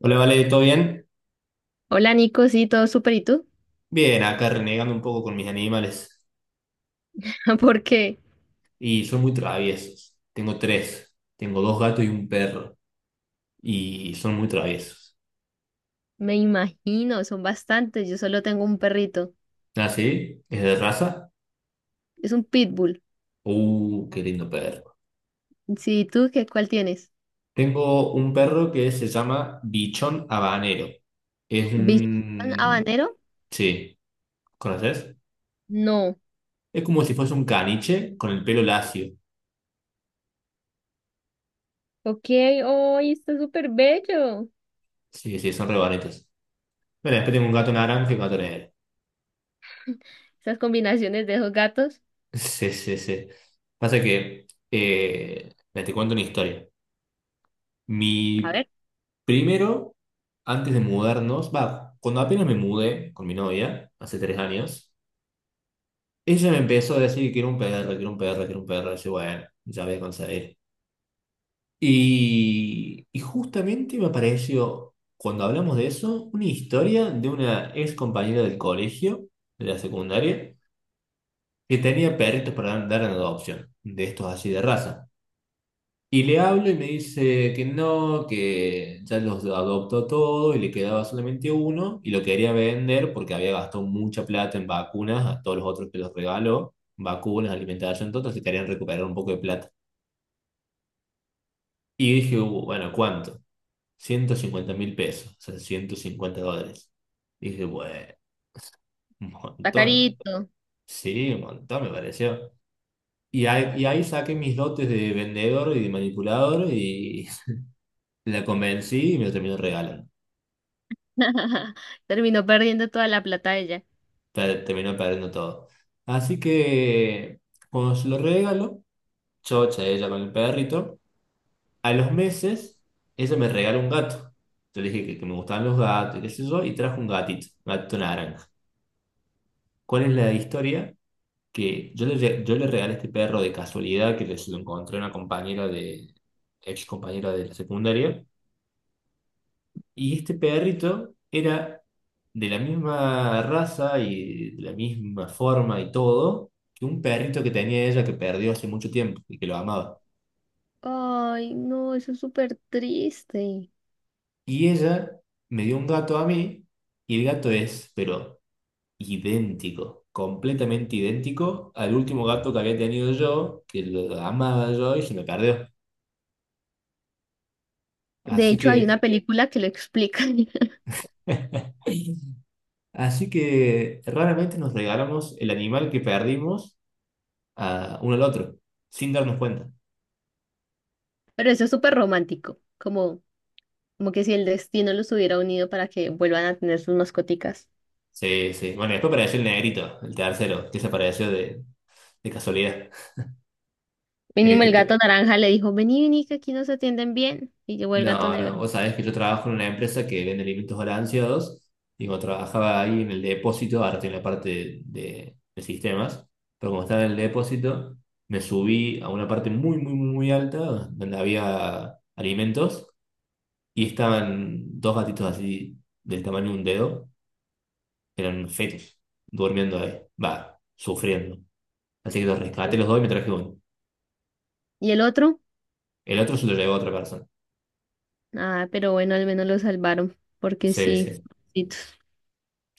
Hola, Vale, ¿todo bien? Hola Nico, sí, todo súper, ¿y tú? Bien, acá renegando un poco con mis animales. Porque Y son muy traviesos. Tengo tres. Tengo dos gatos y un perro. Y son muy traviesos. me imagino, son bastantes, yo solo tengo un perrito, ¿Ah, sí? ¿Es de raza? es un pitbull. Qué lindo perro. Sí, ¿y tú qué, ¿cuál tienes? Tengo un perro que se llama Bichón Habanero. Es ¿Bichón un... habanero? Sí, ¿conoces? No. Es como si fuese un caniche con el pelo lacio. Ok, hoy está súper bello. Sí, sí, son re bonitos. Bueno, después tengo un gato naranja y un gato negro. Esas combinaciones de esos gatos. Sí, sí, sí. Pasa que, mira, te cuento una historia. A Mi ver, Primero, antes de mudarnos, va, cuando apenas me mudé con mi novia, hace 3 años, ella me empezó a decir que quiero un perro, quiero un perro, quiero un perro. Y yo, bueno, ya voy a conseguir. Y justamente me apareció, cuando hablamos de eso, una historia de una ex compañera del colegio, de la secundaria, que tenía perritos para dar en adopción, de estos así de raza. Y le hablo y me dice que no, que ya los adoptó todo y le quedaba solamente uno y lo quería vender porque había gastado mucha plata en vacunas a todos los otros que los regaló, vacunas, alimentación, todo, se querían recuperar un poco de plata. Y dije, bueno, ¿cuánto? 150.000 pesos, o sea, 150 dólares". Dije, bueno, un está montón. carito. Sí, un montón me pareció. Y ahí saqué mis dotes de vendedor y de manipulador y la convencí y me lo terminó regalando. Terminó perdiendo toda la plata ella. Terminó perdiendo todo. Así que cuando se lo regalo, chocha ella con el perrito, a los meses ella me regaló un gato. Yo le dije que me gustaban los gatos y qué sé yo, y trajo un gatito naranja. ¿Cuál es la historia? Que yo le regalé este perro de casualidad se lo encontré a una compañera de, ex compañera de la secundaria. Y este perrito era de la misma raza y de la misma forma y todo que un perrito que tenía ella que perdió hace mucho tiempo y que lo amaba. Ay, no, eso es súper triste. Y ella me dio un gato a mí y el gato es, pero idéntico, completamente idéntico al último gato que había tenido yo, que lo amaba yo y se me perdió. De Así hecho, hay una que... película que lo explica. Así que raramente nos regalamos el animal que perdimos a uno al otro, sin darnos cuenta. Pero eso es súper romántico, como que si el destino los hubiera unido para que vuelvan a tener sus mascoticas. Sí, sí. Bueno, y después apareció el negrito, el tercero, que desapareció de casualidad. El Mínimo que el gato pe- naranja le dijo, vení, vení, que aquí nos atienden bien. Y llegó el gato No, no, negro. vos sabés que yo trabajo en una empresa que vende alimentos balanceados y cuando trabajaba ahí en el depósito, ahora estoy en la parte de sistemas, pero como estaba en el depósito, me subí a una parte muy, muy, muy, muy alta donde había alimentos y estaban dos gatitos así del tamaño de un dedo, eran fetos, durmiendo ahí, va, sufriendo. Así que los rescaté los dos y me traje uno. ¿Y el otro? El otro se lo llevó a otra persona. Ah, pero bueno, al menos lo salvaron, porque Sí, sí, sí. pobrecitos.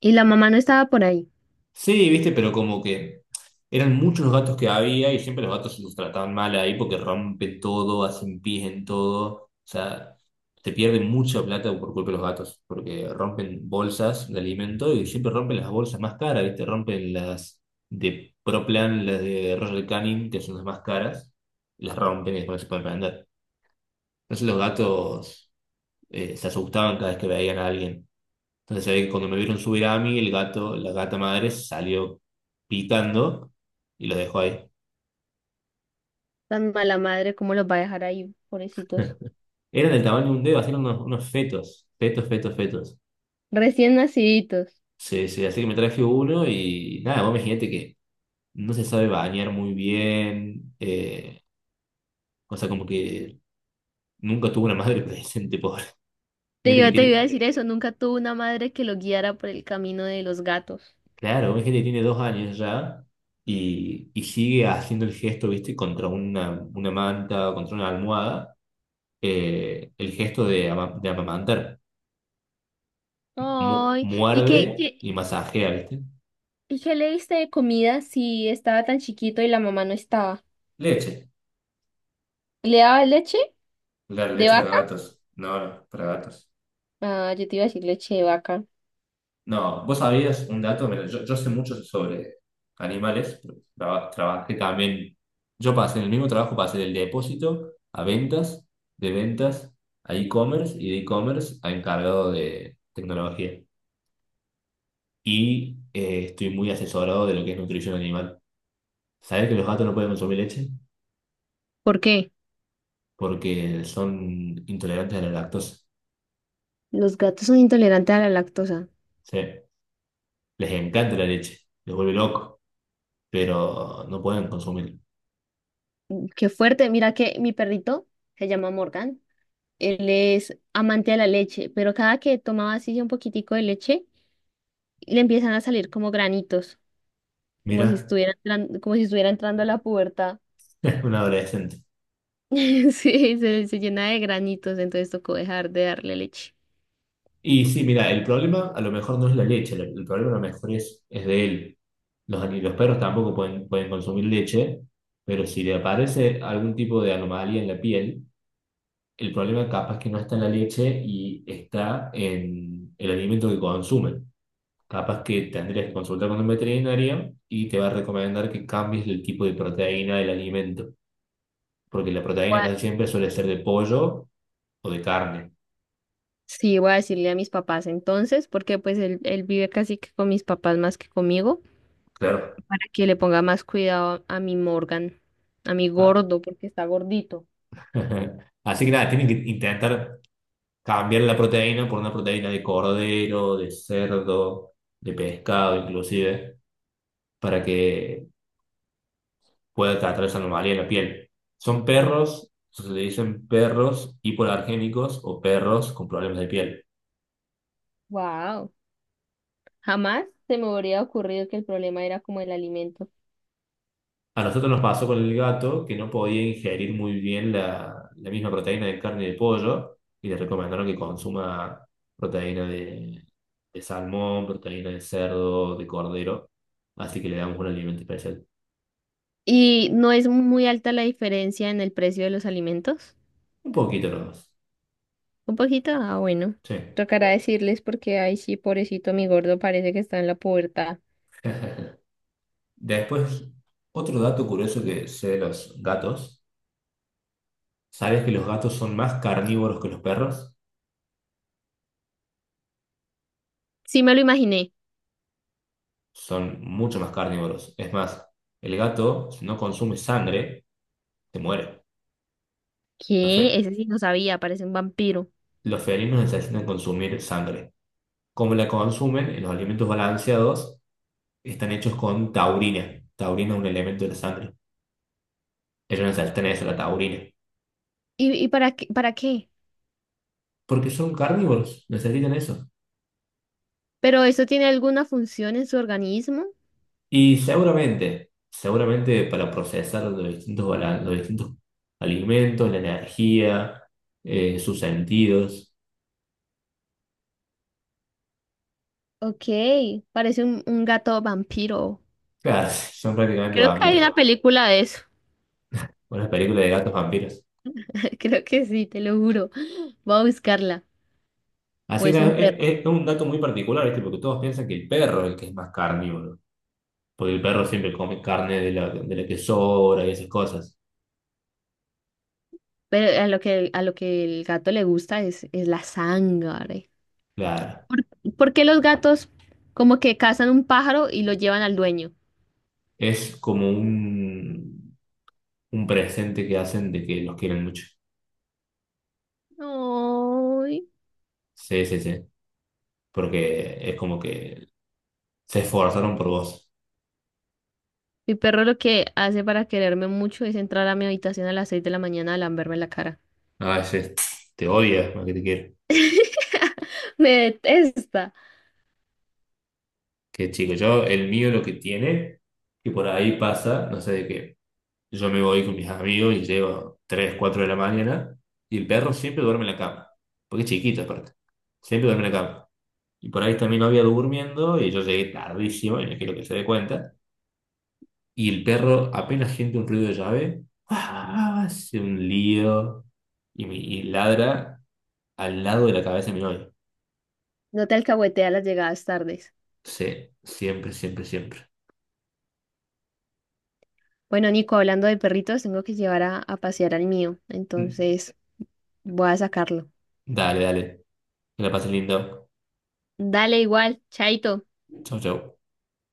Y la mamá no estaba por ahí. Sí, viste, pero como que eran muchos los gatos que había y siempre los gatos se los trataban mal ahí porque rompen todo, hacen pis en todo. O sea, te pierden mucha plata por culpa de los gatos, porque rompen bolsas de alimento y siempre rompen las bolsas más caras, viste, rompen las de Proplan, las de Royal Canin, que son las más caras, las rompen y después se pueden vender. Entonces los gatos se asustaban cada vez que veían a alguien. Entonces se ve que cuando me vieron subir a mí, el gato, la gata madre salió pitando y los dejó ahí. Tan mala madre, ¿cómo los va a dejar ahí, pobrecitos? Eran del tamaño de un dedo, así eran unos, unos fetos, fetos, fetos, fetos. Recién naciditos. Sí, sí, así que me traje uno y nada, vos imagínate que no se sabe bañar muy bien, o sea, como que nunca tuvo una madre presente, pobre. Te Fíjate que iba, te iba a tiene, decir eso, nunca tuvo una madre que lo guiara por el camino de los gatos. claro, hay gente que tiene 2 años ya y sigue haciendo el gesto, viste, contra una manta, contra una almohada. El gesto de amamantar. Ay, Muerde y masajea, ¿viste? ¿y qué le diste de comida si estaba tan chiquito y la mamá no estaba? Leche. ¿Le daba leche Claro, de leche para vaca? gatos. No, no, para gatos. Ah, yo te iba a decir leche de vaca. No, vos sabías un dato. Mira, yo sé mucho sobre animales, pero trabajé también, yo pasé en el mismo trabajo, pasé del depósito a ventas, de ventas a e-commerce y de e-commerce a encargado de tecnología. Y estoy muy asesorado de lo que es nutrición animal. ¿Sabés que los gatos no pueden consumir leche? ¿Por qué? Porque son intolerantes a la lactosa. Los gatos son intolerantes a la lactosa. Sí, les encanta la leche, les vuelve loco, pero no pueden consumir. Qué fuerte. Mira que mi perrito se llama Morgan. Él es amante de la leche, pero cada que tomaba así un poquitico de leche, le empiezan a salir como granitos, Mira, como si estuviera entrando a la pubertad. es un adolescente. Sí, se llena de granitos, entonces tocó dejar de darle leche. Y sí, mira, el problema a lo mejor no es la leche, el problema a lo mejor es de él. Los perros tampoco pueden, pueden consumir leche, pero si le aparece algún tipo de anomalía en la piel, el problema capaz que no está en la leche y está en el alimento que consumen. Capaz que tendrías que consultar con un veterinario y te va a recomendar que cambies el tipo de proteína del alimento, porque la Voy proteína casi a- siempre suele ser de pollo o de carne. Sí, voy a decirle a mis papás entonces, porque pues él vive casi que con mis papás más que conmigo, Claro. para que le ponga más cuidado a mi Morgan, a mi Ah. gordo, porque está gordito. Así que nada, tienen que intentar cambiar la proteína por una proteína de cordero, de cerdo, de pescado inclusive, para que pueda tratar esa anomalía en la piel. Son perros, se le dicen perros hipoalergénicos o perros con problemas de piel. Wow, jamás se me habría ocurrido que el problema era como el alimento. A nosotros nos pasó con el gato que no podía ingerir muy bien la, la misma proteína de carne de pollo y le recomendaron que consuma proteína de salmón, proteína de cerdo, de cordero. Así que le damos un alimento especial. ¿Y no es muy alta la diferencia en el precio de los alimentos? Un poquito nomás. Un poquito, ah, bueno. Sí. Tocará decirles porque, ay, sí, pobrecito, mi gordo parece que está en la pubertad. Después, otro dato curioso que sé de los gatos. ¿Sabes que los gatos son más carnívoros que los perros? Sí, me lo imaginé. Son mucho más carnívoros. Es más, el gato, si no consume sangre, se muere. Lo ¿Qué? fe- Ese sí no sabía, parece un vampiro. Los felinos necesitan consumir sangre. Como la consumen? En los alimentos balanceados están hechos con taurina. Taurina es un elemento de la sangre. Ellos necesitan eso, la taurina. ¿Y para qué? Porque son carnívoros, necesitan eso. ¿Pero eso tiene alguna función en su organismo? Y seguramente, seguramente para procesar los distintos, los distintos alimentos, la energía, sus sentidos. Ok, parece un gato vampiro. Claro, son prácticamente Creo que hay vampiros. una película de eso. Una película de gatos vampiros. Creo que sí, te lo juro. Voy a buscarla. O Así es que es, un perro. Es un dato muy particular, ¿viste? Porque todos piensan que el perro es el que es más carnívoro. Porque el perro siempre come carne de la que sobra y esas cosas. Pero a lo que el gato le gusta es la sangre. Claro. ¿Por, por qué los gatos como que cazan un pájaro y lo llevan al dueño? Es como un presente que hacen de que los quieren mucho. Ay, Sí, sí, sí. Porque es como que se esforzaron por vos. mi perro lo que hace para quererme mucho es entrar a mi habitación a las 6 de la mañana a lamberme la cara. A veces te odia más que te quiere. Me detesta. Que chico, yo, el mío lo que tiene, que por ahí pasa, no sé de qué. Yo me voy con mis amigos y llego 3 o 4 de la mañana y el perro siempre duerme en la cama. Porque es chiquito aparte. Siempre duerme en la cama. Y por ahí está mi novia durmiendo y yo llegué tardísimo y no quiero que se dé cuenta. Y el perro apenas siente un ruido de llave, ¡ah! Hace un lío y, y ladra al lado de la cabeza de mi novia. No te alcahuetea las llegadas tardes. Sí, siempre, siempre, siempre. Bueno, Nico, hablando de perritos, tengo que llevar a pasear al mío, Mm. entonces voy a sacarlo. Dale, dale. Que la pases lindo. Dale igual, chaito. Chau, chau.